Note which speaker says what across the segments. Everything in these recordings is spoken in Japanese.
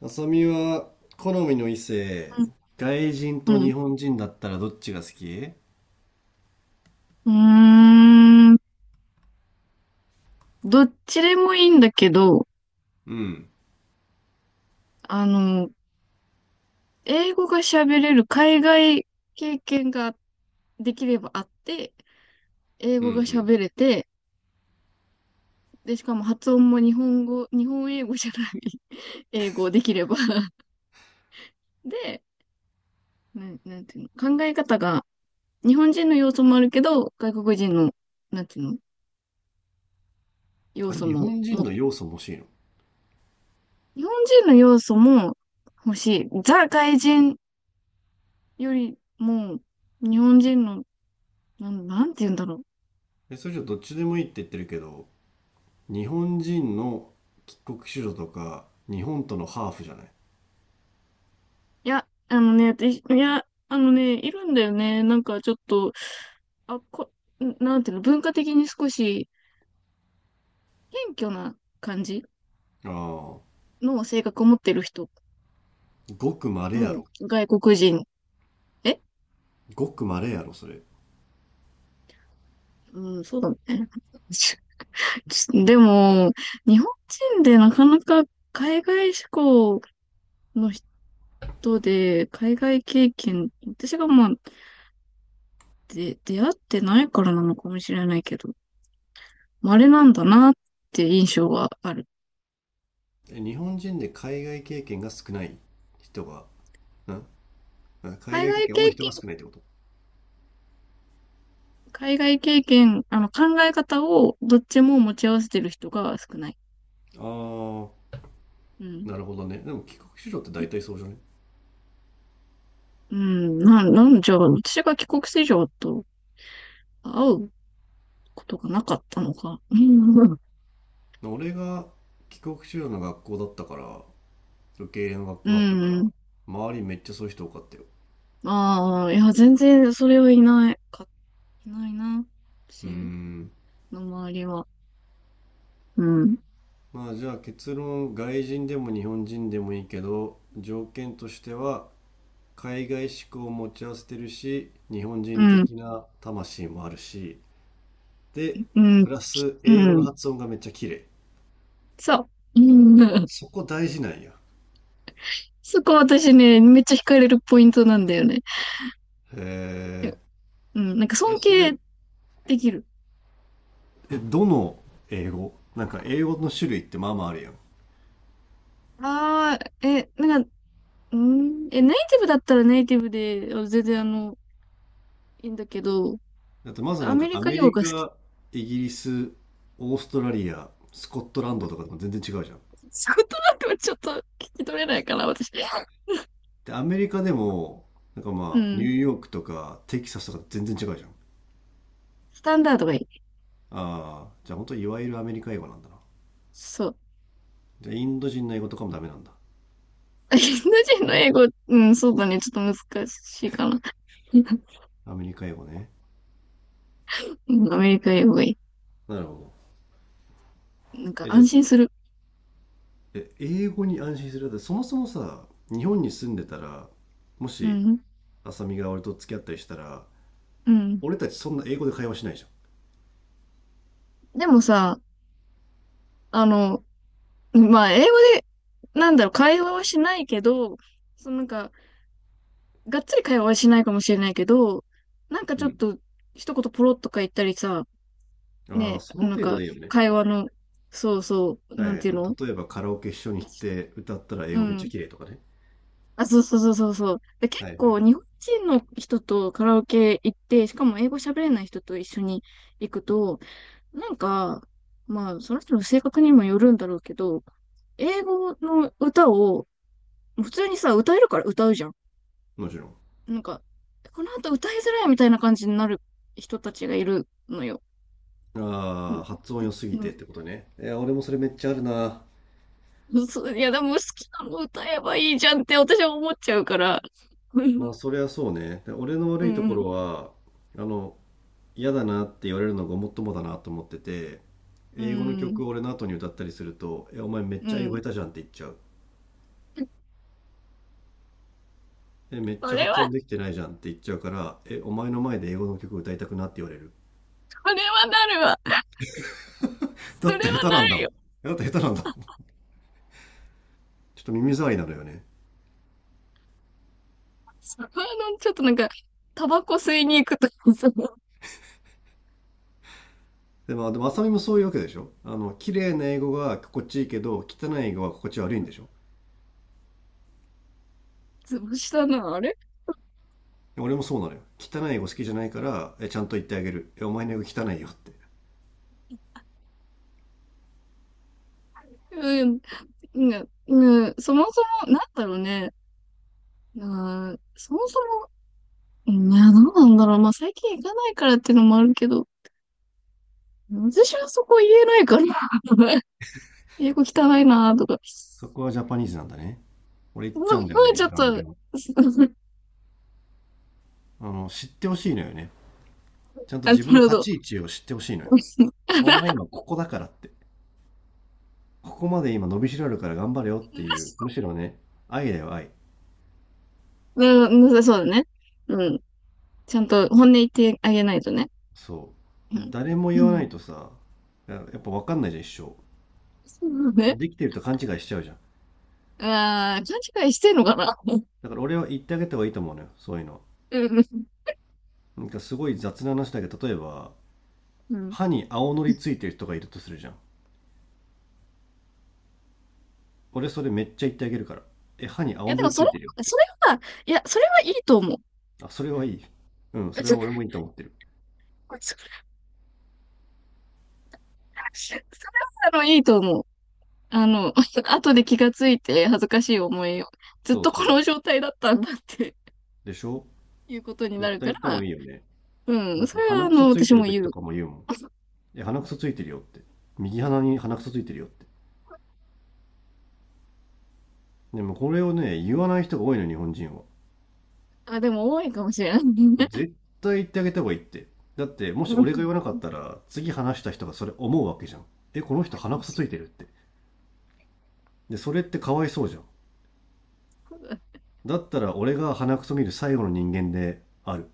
Speaker 1: 浅見は好みの異性、
Speaker 2: う
Speaker 1: 外人と
Speaker 2: ん。うん、
Speaker 1: 日本人だったらどっちが好き？
Speaker 2: うーん。どっちでもいいんだけど、
Speaker 1: うん、
Speaker 2: あの、英語が喋れる海外経験ができればあって、英
Speaker 1: う
Speaker 2: 語が
Speaker 1: ん、
Speaker 2: 喋れて、で、しかも発音も日本英語じゃない 英語できれば で、なんていうの、考え方が、日本人の要素もあるけど、外国人の、なんていうの、要
Speaker 1: あ、
Speaker 2: 素
Speaker 1: 日
Speaker 2: も、
Speaker 1: 本人
Speaker 2: も、
Speaker 1: の要素も欲しいの？
Speaker 2: 日本人の要素も欲しい。ザ外人よりも、日本人のなんて言うんだろう。
Speaker 1: え、それじゃどっちでもいいって言ってるけど、日本人の帰国子女とか、日本とのハーフじゃない？
Speaker 2: いや、いいや、いるんだよね。なんかちょっと、あ、こ、なんていうの、文化的に少し謙虚な感じ
Speaker 1: ああ
Speaker 2: の性格を持ってる人
Speaker 1: ー、ごく稀や
Speaker 2: も
Speaker 1: ろ。
Speaker 2: 外国人。え
Speaker 1: ごく稀やろ、それ。
Speaker 2: うん、そうだね。ちちでも、日本人でなかなか海外志向の人で、海外経験、私がまあ、で、出会ってないからなのかもしれないけど、稀なんだなって印象はある。
Speaker 1: え、日本人で海外経験が少ない人が、ん、あ、海
Speaker 2: 海
Speaker 1: 外経
Speaker 2: 外経
Speaker 1: 験多い人が
Speaker 2: 験、
Speaker 1: 少ないってこと？
Speaker 2: 海外経験、あの、考え方をどっちも持ち合わせてる人が少ない。
Speaker 1: ああー、
Speaker 2: うん。
Speaker 1: なるほどね。でも帰国子女って大体そうじゃない？
Speaker 2: うん、なんじゃ、私が帰国子女と会うことがなかったのか。うん。
Speaker 1: 俺が帰国子女の学校だったから、受け入れの学
Speaker 2: う
Speaker 1: 校だったから、
Speaker 2: ん。
Speaker 1: 周りめっちゃそういう人多かったよ。
Speaker 2: ああ、いや、全然それはいないか、いないな。
Speaker 1: うー
Speaker 2: 私
Speaker 1: ん。
Speaker 2: の周りは。うん。
Speaker 1: まあじゃあ結論、外人でも日本人でもいいけど、条件としては、海外志向を持ち合わせてるし、日本
Speaker 2: う
Speaker 1: 人
Speaker 2: ん。
Speaker 1: 的な魂もあるし、で、
Speaker 2: う
Speaker 1: プ
Speaker 2: ん。
Speaker 1: ラス
Speaker 2: う
Speaker 1: 英語の
Speaker 2: ん。
Speaker 1: 発音がめっちゃ綺麗。
Speaker 2: そう。うん。
Speaker 1: そこ大事なんや。
Speaker 2: そこ私ね、めっちゃ惹かれるポイントなんだよね。
Speaker 1: へ
Speaker 2: うん。なんか
Speaker 1: え。え、
Speaker 2: 尊
Speaker 1: そ
Speaker 2: 敬
Speaker 1: れ、
Speaker 2: できる。
Speaker 1: え、どの英語？なんか英語の種類ってまあまああるやん。
Speaker 2: ああ、なんか、うーん、ネイティブだったらネイティブで、全然いいんだけど、
Speaker 1: あとまずな
Speaker 2: ア
Speaker 1: んか
Speaker 2: メリ
Speaker 1: ア
Speaker 2: カ
Speaker 1: メ
Speaker 2: 英語
Speaker 1: リ
Speaker 2: が好き。
Speaker 1: カ、イギリス、オーストラリア、スコットランドとかとも全然違うじゃん。
Speaker 2: 仕事なんかはちょっと聞き取れないから、私。
Speaker 1: で、アメリカでも、なんか
Speaker 2: う
Speaker 1: まあ、ニュ
Speaker 2: ん。
Speaker 1: ーヨークとかテキサスとか全然違うじゃん。
Speaker 2: スタンダードがいい。
Speaker 1: ああ、じゃあ本当いわゆるアメリカ英語なんだな。
Speaker 2: そう。
Speaker 1: じゃあインド人の英語とかもダメなんだ。
Speaker 2: インド人の英語、うん、そうだね。ちょっと難しいかな。
Speaker 1: アメリカ英語ね。
Speaker 2: うん。アメリカ英語がい
Speaker 1: なるほど。
Speaker 2: い。なんか
Speaker 1: え、じゃあ、
Speaker 2: 安心する。
Speaker 1: え、英語に安心する？だってそもそもさ、日本に住んでたら、も
Speaker 2: う
Speaker 1: し、
Speaker 2: ん。
Speaker 1: 浅見が俺と付き合ったりしたら、
Speaker 2: うん。
Speaker 1: 俺たちそんな英語で会話しないじゃ
Speaker 2: でもさ、あの、まあ、英語で、なんだろう、会話はしないけど、そのがっつり会話はしないかもしれないけど、なんかち
Speaker 1: ん。う
Speaker 2: ょっ
Speaker 1: ん。
Speaker 2: と、一言ポロッとか言ったりさ、
Speaker 1: ああ、
Speaker 2: ね、
Speaker 1: その
Speaker 2: なん
Speaker 1: 程度
Speaker 2: か、
Speaker 1: でいいよね。
Speaker 2: 会話の、そうそう、
Speaker 1: は
Speaker 2: なんて
Speaker 1: い。
Speaker 2: いう
Speaker 1: なんか
Speaker 2: の。
Speaker 1: 例えばカラオケ一緒に行って歌ったら英
Speaker 2: う
Speaker 1: 語めっちゃ
Speaker 2: ん。
Speaker 1: 綺麗とかね。
Speaker 2: あ、そうそうそうそうそう。で、結
Speaker 1: はいは
Speaker 2: 構、
Speaker 1: い。
Speaker 2: 日本人の人とカラオケ行って、しかも英語喋れない人と一緒に行くと、なんか、まあ、その人の性格にもよるんだろうけど、英語の歌を、普通にさ、歌えるから歌うじゃん。
Speaker 1: もちろん。
Speaker 2: なんか、この後歌いづらいみたいな感じになる人たちがいるのよ。う
Speaker 1: あ
Speaker 2: ん、
Speaker 1: あ、発音良すぎ
Speaker 2: う
Speaker 1: てっ
Speaker 2: ん、
Speaker 1: てことね。いや、俺もそれめっちゃあるな。
Speaker 2: うん、そういや、でも好きなの歌えばいいじゃんって私は思っちゃうから。う
Speaker 1: まあ、
Speaker 2: ん、
Speaker 1: そりゃそうね。で俺の
Speaker 2: う
Speaker 1: 悪いとこ
Speaker 2: ん、
Speaker 1: ろは、あの、嫌だなって言われるのがごもっともだなと思ってて、
Speaker 2: う
Speaker 1: 英語の
Speaker 2: ん、
Speaker 1: 曲を俺の後に歌ったりすると、え、お前めっ
Speaker 2: う
Speaker 1: ちゃ英語
Speaker 2: ん。
Speaker 1: 下手じゃんって言っちゃう。え、めっ
Speaker 2: そ
Speaker 1: ちゃ
Speaker 2: れ
Speaker 1: 発音
Speaker 2: は、
Speaker 1: できてないじゃんって言っちゃうから、え、お前の前で英語の曲歌いたくなって言われる。
Speaker 2: それはなるわ。そ
Speaker 1: だ
Speaker 2: れは
Speaker 1: って下手
Speaker 2: な
Speaker 1: なんだ
Speaker 2: る
Speaker 1: もん。
Speaker 2: よ。
Speaker 1: だって下手なんだもん。ちょっと耳障りなのよね。
Speaker 2: ちょっとなんか、タバコ吸いに行くとかさ、
Speaker 1: でも、あさみもそういうわけでしょ？綺麗な英語が心地いいけど、汚い英語は心地悪いんでしょ？
Speaker 2: つぶしたな、あれ。
Speaker 1: 俺もそうなのよ。汚い英語好きじゃないから、え、ちゃんと言ってあげる。え、お前の英語汚いよって。
Speaker 2: うん、うん、うん。そもそも、なんだろうね。うそもそも、うん、いや、どうなんだろう。まあ、最近行かないからっていうのもあるけど、私はそこ言えないから。英語汚いなーとか。そ
Speaker 1: そこはジャパニーズなんだね。俺言
Speaker 2: こ
Speaker 1: っちゃう
Speaker 2: は
Speaker 1: んだよ
Speaker 2: ち
Speaker 1: ね、
Speaker 2: ょっ
Speaker 1: ガンガ
Speaker 2: と、
Speaker 1: ン。知ってほしいのよね。ちゃんと
Speaker 2: なる
Speaker 1: 自分の
Speaker 2: ほ
Speaker 1: 立
Speaker 2: ど。
Speaker 1: ち位置を知ってほしいのよ。お前今ここだからって。ここまで今伸びしろあるから頑張れよっていう。むし ろね、愛だよ、愛。
Speaker 2: うん、そうだね。うん。ちゃんと本音言ってあげないとね。
Speaker 1: そ
Speaker 2: う
Speaker 1: う。
Speaker 2: ん。
Speaker 1: 誰も
Speaker 2: う
Speaker 1: 言わな
Speaker 2: ん、
Speaker 1: いとさ、やっぱ分かんないじゃん、一生。
Speaker 2: そうだね。
Speaker 1: できてると勘違いしちゃうじゃん。
Speaker 2: ああ、勘違いしてんのかな。
Speaker 1: だから俺は言ってあげた方がいいと思うのよ、そういうの。
Speaker 2: うん。
Speaker 1: なんかすごい雑な話だけど、例えば
Speaker 2: うん。い
Speaker 1: 歯に青のりついてる人がいるとするじゃん。俺それめっちゃ言ってあげるから、え、歯に青
Speaker 2: や、で
Speaker 1: の
Speaker 2: も
Speaker 1: り
Speaker 2: そ
Speaker 1: つ
Speaker 2: れ、
Speaker 1: いてるよって。
Speaker 2: それは、いや、それはいいと思う。
Speaker 1: あ、それはいい。うん、それ
Speaker 2: そ
Speaker 1: は
Speaker 2: れ
Speaker 1: 俺も
Speaker 2: は、
Speaker 1: いいと思ってる。
Speaker 2: いいと思う。あの、後で気がついて恥ずかしい思いを、ずっ
Speaker 1: そう
Speaker 2: とこ
Speaker 1: そ
Speaker 2: の状態だったんだって
Speaker 1: うでしょ？
Speaker 2: いうことにな
Speaker 1: 絶
Speaker 2: る
Speaker 1: 対
Speaker 2: か
Speaker 1: 言った方
Speaker 2: ら、
Speaker 1: がいいよね。
Speaker 2: う
Speaker 1: な
Speaker 2: ん、
Speaker 1: ん
Speaker 2: そ
Speaker 1: か
Speaker 2: れは
Speaker 1: 鼻くそつい
Speaker 2: 私
Speaker 1: てる
Speaker 2: も
Speaker 1: 時
Speaker 2: 言
Speaker 1: と
Speaker 2: う。
Speaker 1: かも言うもん。え、鼻くそついてるよって。右鼻に鼻くそついてるよって。でもこれをね、言わない人が多いの、日本人は。
Speaker 2: あ、でも多いかもしれない。
Speaker 1: 絶対言ってあげた方がいいって。だって、も
Speaker 2: う
Speaker 1: し俺が
Speaker 2: ん、
Speaker 1: 言わなかったら、次話した人がそれ思うわけじゃん。え、この人鼻くそ
Speaker 2: そ
Speaker 1: ついてるって。で、それってかわいそうじゃん。
Speaker 2: うだ、
Speaker 1: だったら俺が鼻くそ見る最後の人間である。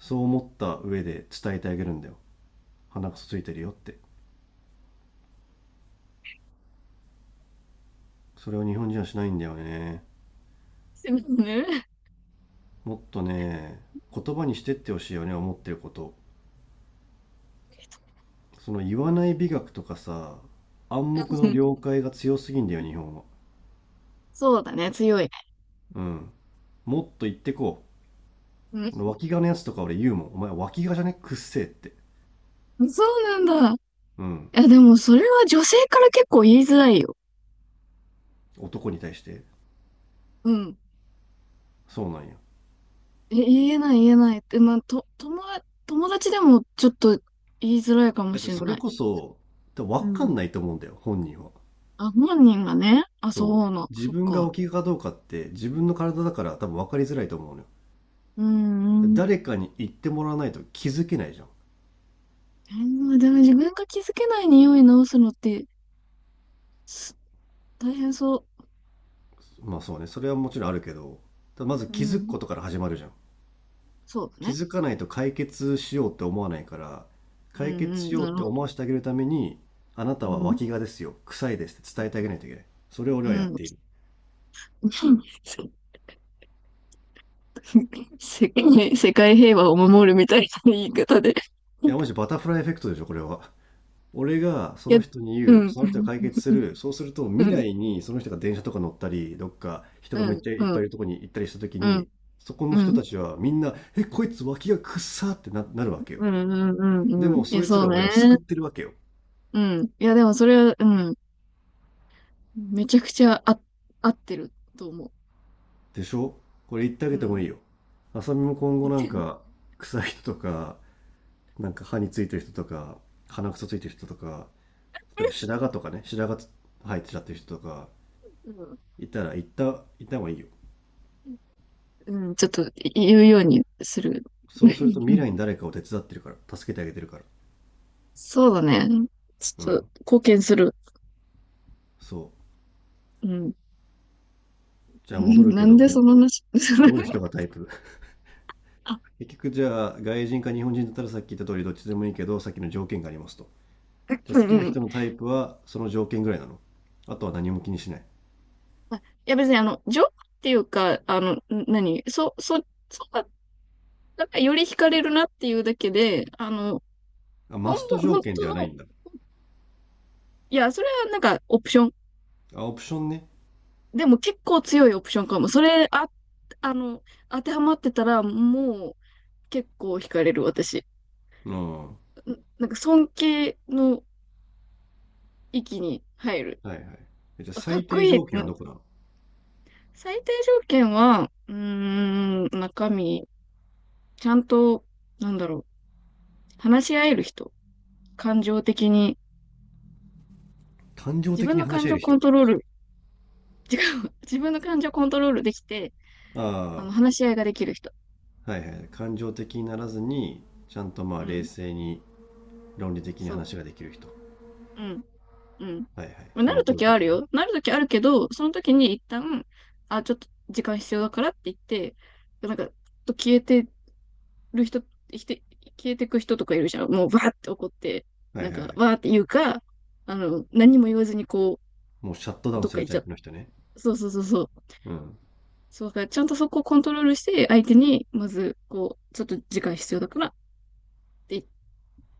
Speaker 1: そう思った上で伝えてあげるんだよ。鼻くそついてるよって。それを日本人はしないんだよね。
Speaker 2: すみませんね。
Speaker 1: もっとね、言葉にしてってほしいよね、思ってること。その言わない美学とかさ、暗
Speaker 2: う
Speaker 1: 黙の
Speaker 2: ん、
Speaker 1: 了解が強すぎんだよ、日本は。
Speaker 2: そうだね、強いね。
Speaker 1: うん。もっと言ってこう、脇がのやつとか俺言うもん。お前脇がじゃねくっせえって。
Speaker 2: うん、そうなんだ。い
Speaker 1: うん。
Speaker 2: や、でもそれは女性から結構言いづらいよ。
Speaker 1: 男に対して。
Speaker 2: うん。
Speaker 1: そうなんや。
Speaker 2: 言えない言えないって、まあ、友達でもちょっと言いづらいかも
Speaker 1: だって
Speaker 2: しれ
Speaker 1: それ
Speaker 2: ない。
Speaker 1: こそ、多分
Speaker 2: う
Speaker 1: 分かん
Speaker 2: ん。
Speaker 1: ないと思うんだよ、本人は。
Speaker 2: あ、本人がね。あ、
Speaker 1: そ
Speaker 2: そ
Speaker 1: う。
Speaker 2: うな、
Speaker 1: 自
Speaker 2: そっ
Speaker 1: 分が
Speaker 2: か。
Speaker 1: 脇がかどうかって自分の体だから多分分かりづらいと思うのよ。
Speaker 2: うん、うん。
Speaker 1: 誰かに言ってもらわないと気づけないじゃん。
Speaker 2: えでも自分が気づけない匂い直すのって、す大変そ
Speaker 1: まあそうね、それはもちろんあるけど、まず
Speaker 2: う。う
Speaker 1: 気づく
Speaker 2: ん。
Speaker 1: ことから始まるじゃん。
Speaker 2: そうだ
Speaker 1: 気
Speaker 2: ね。
Speaker 1: づかないと解決しようって思わないから、
Speaker 2: う
Speaker 1: 解
Speaker 2: ん、
Speaker 1: 決
Speaker 2: うん、
Speaker 1: しよ
Speaker 2: な
Speaker 1: うっ
Speaker 2: る
Speaker 1: て
Speaker 2: ほど。
Speaker 1: 思わせてあげるために、あな
Speaker 2: う
Speaker 1: たは
Speaker 2: ん。
Speaker 1: 脇がですよ、臭いですって伝えてあげないといけない。それを俺
Speaker 2: う
Speaker 1: はやっ
Speaker 2: ん。
Speaker 1: ている。
Speaker 2: 世界平和を守るみたいな言い方で。
Speaker 1: いや、マジバタフライエフェクトでしょ、これは。俺がそ
Speaker 2: いや、
Speaker 1: の人に
Speaker 2: う
Speaker 1: 言う、
Speaker 2: ん。
Speaker 1: その人が解決する、そうすると
Speaker 2: う
Speaker 1: 未
Speaker 2: ん。
Speaker 1: 来にその人が電車とか乗ったり、どっか人が
Speaker 2: う
Speaker 1: めっ
Speaker 2: ん。
Speaker 1: ちゃいっ
Speaker 2: う
Speaker 1: ぱ
Speaker 2: ん。
Speaker 1: いいるとこに行ったりした時
Speaker 2: う
Speaker 1: に、
Speaker 2: ん。
Speaker 1: そこ
Speaker 2: う
Speaker 1: の人た
Speaker 2: ん。
Speaker 1: ちはみんな「え、こいつ脇がくっさ」ってななるわけよ。
Speaker 2: うん。うん。う
Speaker 1: で
Speaker 2: ん、うん、
Speaker 1: も
Speaker 2: い
Speaker 1: そ
Speaker 2: や、
Speaker 1: いつ
Speaker 2: そう
Speaker 1: らを俺は
Speaker 2: ね。
Speaker 1: 救ってるわけよ。
Speaker 2: うん。いや、でもそれは、うん。めちゃくちゃ、合ってると思う。
Speaker 1: でしょ？これ言ってあ
Speaker 2: う
Speaker 1: げても
Speaker 2: ん。
Speaker 1: いいよ。あさみも今後なんか、臭い人とか、なんか歯についてる人とか、鼻くそついてる人とか、例えば白髪とかね、白髪生えてちゃってる人とか、
Speaker 2: うん。
Speaker 1: いたら、言った方がいいよ。
Speaker 2: うん、ちょっと言うようにする。
Speaker 1: そうすると未 来に誰かを手伝ってるから、助けてあげてるから。
Speaker 2: そうだね。ち
Speaker 1: う
Speaker 2: ょっと
Speaker 1: ん。
Speaker 2: 貢献する。
Speaker 1: そう。
Speaker 2: うん。
Speaker 1: じ
Speaker 2: う
Speaker 1: ゃあ戻
Speaker 2: ん。
Speaker 1: る
Speaker 2: な
Speaker 1: け
Speaker 2: んで
Speaker 1: ど、
Speaker 2: その話、
Speaker 1: ど ういう人がタイプ？
Speaker 2: あ、
Speaker 1: 結局じゃあ、外人か日本人だったらさっき言った通りどっちでもいいけど、さっきの条件がありますと。じゃ
Speaker 2: う
Speaker 1: あ好
Speaker 2: ん、う
Speaker 1: きな
Speaker 2: ん。
Speaker 1: 人のタイプは、その条件ぐらいなの？あとは何も気にしない？
Speaker 2: あ、いや、別に情報っていうか、何、そうだ、なんかより惹かれるなっていうだけで、あの、
Speaker 1: あ、
Speaker 2: ほん
Speaker 1: マス
Speaker 2: の、
Speaker 1: ト条
Speaker 2: 本
Speaker 1: 件で
Speaker 2: 当
Speaker 1: はない
Speaker 2: の、
Speaker 1: んだ。
Speaker 2: いや、それはなんかオプション。
Speaker 1: あ、オプションね。
Speaker 2: でも結構強いオプションかも。それ、あ、あの、当てはまってたら、もう結構惹かれる私。
Speaker 1: うん。は
Speaker 2: なんか尊敬の域に入る。
Speaker 1: いはい。え、じゃあ
Speaker 2: あ、かっ
Speaker 1: 最
Speaker 2: こ
Speaker 1: 低
Speaker 2: いい。
Speaker 1: 条
Speaker 2: う
Speaker 1: 件は
Speaker 2: ん、
Speaker 1: どこだ？
Speaker 2: 最低条件は、うーん、中身。ちゃんと、なんだろう、話し合える人、感情的に、
Speaker 1: 感情
Speaker 2: 自
Speaker 1: 的
Speaker 2: 分
Speaker 1: に
Speaker 2: の
Speaker 1: 話
Speaker 2: 感
Speaker 1: し合え
Speaker 2: 情
Speaker 1: る
Speaker 2: コ
Speaker 1: 人。
Speaker 2: ントロール、違う、自分の感情コントロールできて、
Speaker 1: あ
Speaker 2: 話し合いができる人。
Speaker 1: あ、はいはい。感情的にならずに、ちゃんとまあ
Speaker 2: う
Speaker 1: 冷
Speaker 2: ん、
Speaker 1: 静に論理的に
Speaker 2: そう、
Speaker 1: 話ができる人。
Speaker 2: うん、うん。
Speaker 1: はいはい。
Speaker 2: まあ
Speaker 1: そ
Speaker 2: な
Speaker 1: の
Speaker 2: ると
Speaker 1: 怒る
Speaker 2: き
Speaker 1: と
Speaker 2: あ
Speaker 1: き
Speaker 2: る
Speaker 1: はね。
Speaker 2: よ。なるときあるけど、そのときに一旦、あ、ちょっと時間必要だからって言って、なんか、ちょっと消えてる人、生きて、消えてく人とかいるじゃん。もう、わーって怒って、
Speaker 1: はい
Speaker 2: なん
Speaker 1: はい
Speaker 2: か、
Speaker 1: はい。
Speaker 2: わーって言うか、何も言わずにこ
Speaker 1: もうシャットダ
Speaker 2: う、
Speaker 1: ウン
Speaker 2: どっ
Speaker 1: す
Speaker 2: か
Speaker 1: る
Speaker 2: 行っ
Speaker 1: タ
Speaker 2: ちゃ
Speaker 1: イプ
Speaker 2: う。
Speaker 1: の人ね。
Speaker 2: そうそうそうそう。
Speaker 1: うん。
Speaker 2: そうだ、ちゃんとそこをコントロールして、相手に、まず、こう、ちょっと時間必要だからって言っ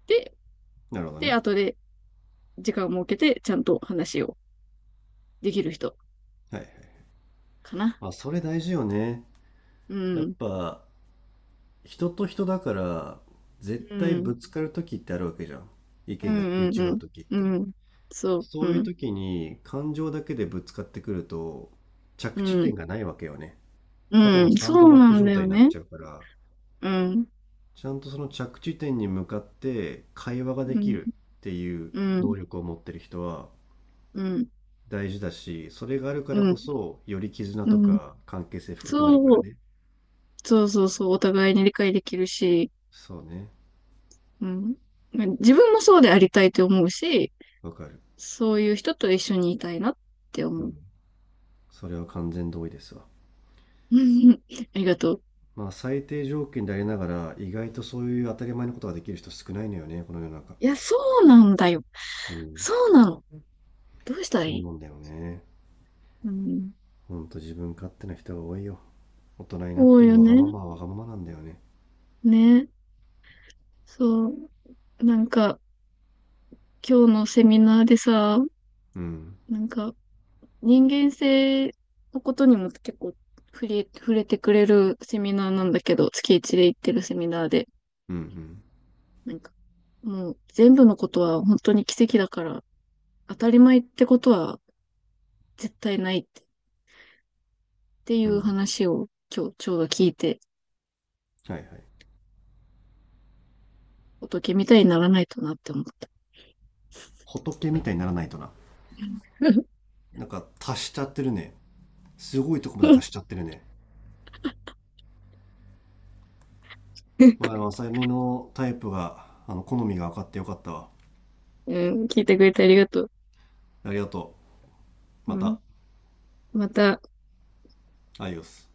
Speaker 2: て、
Speaker 1: なるほど
Speaker 2: で、
Speaker 1: ね。
Speaker 2: 後で時間を設けて、ちゃんと話をできる人
Speaker 1: はいはい。
Speaker 2: かな。
Speaker 1: まあそれ大事よね。
Speaker 2: う
Speaker 1: やっ
Speaker 2: ん、
Speaker 1: ぱ、人と人だから、絶
Speaker 2: う
Speaker 1: 対
Speaker 2: ん、
Speaker 1: ぶつかるときってあるわけじゃん。意
Speaker 2: う
Speaker 1: 見が
Speaker 2: ん、
Speaker 1: 食い
Speaker 2: うん、
Speaker 1: 違うときっ
Speaker 2: う
Speaker 1: て。
Speaker 2: ん、うん、そう、
Speaker 1: そうい
Speaker 2: う
Speaker 1: う
Speaker 2: ん、
Speaker 1: 時に感情だけでぶつかってくると、
Speaker 2: う
Speaker 1: 着地点
Speaker 2: ん、
Speaker 1: がないわけよね。ただ
Speaker 2: う
Speaker 1: の
Speaker 2: ん、
Speaker 1: サン
Speaker 2: そ
Speaker 1: ド
Speaker 2: う
Speaker 1: バッ
Speaker 2: な
Speaker 1: グ
Speaker 2: ん
Speaker 1: 状
Speaker 2: だ
Speaker 1: 態
Speaker 2: よ
Speaker 1: になっ
Speaker 2: ね。
Speaker 1: ちゃうから、
Speaker 2: うん、
Speaker 1: ちゃんとその着地点に向かって会話がで
Speaker 2: う
Speaker 1: き
Speaker 2: ん、
Speaker 1: るっていう
Speaker 2: うん、
Speaker 1: 能力を持ってる人は
Speaker 2: うん、
Speaker 1: 大事だし、それがあるか
Speaker 2: う
Speaker 1: らこ
Speaker 2: ん、
Speaker 1: そより絆
Speaker 2: う
Speaker 1: と
Speaker 2: ん、
Speaker 1: か関係性深くなるから
Speaker 2: そう、
Speaker 1: ね。
Speaker 2: そうそうそう、お互いに理解できるし、
Speaker 1: そうね。
Speaker 2: うん、自分もそうでありたいと思うし、
Speaker 1: わかる。
Speaker 2: そういう人と一緒にいたいなって
Speaker 1: う
Speaker 2: 思う。
Speaker 1: ん。それは完全同意ですわ。
Speaker 2: うん、ありがとう。
Speaker 1: まあ最低条件でありながら、意外とそういう当たり前のことができる人少ないのよね、この世の中。
Speaker 2: いや、そうなんだよ。
Speaker 1: うん。
Speaker 2: そうなの。どうしたらい
Speaker 1: そう
Speaker 2: い。
Speaker 1: なんだよね。
Speaker 2: うん。
Speaker 1: ほんと自分勝手な人が多いよ。大人になっ
Speaker 2: そう
Speaker 1: て
Speaker 2: よ
Speaker 1: もわがま
Speaker 2: ね。
Speaker 1: まはわがままなんだよね。
Speaker 2: ね。そう。なんか、今日のセミナーでさ、
Speaker 1: うん。
Speaker 2: なんか、人間性のことにも結構触れてくれるセミナーなんだけど、月一で行ってるセミナーで、
Speaker 1: うんうん。
Speaker 2: なんか、もう全部のことは本当に奇跡だから、当たり前ってことは絶対ないってってい
Speaker 1: う
Speaker 2: う
Speaker 1: ん。
Speaker 2: 話を今日ちょうど聞いて、
Speaker 1: はいはい。
Speaker 2: 仏みたいにならないとなって思った。
Speaker 1: 仏みたいにならないとな。なんか足しちゃってるね。すごいとこまで足しちゃってるね。まあでも、浅見のタイプが、好みが分かってよかったわ。
Speaker 2: うん、聞いてくれてありがとう。
Speaker 1: ありがとう。ま
Speaker 2: うん、
Speaker 1: た、
Speaker 2: また、
Speaker 1: アイオス。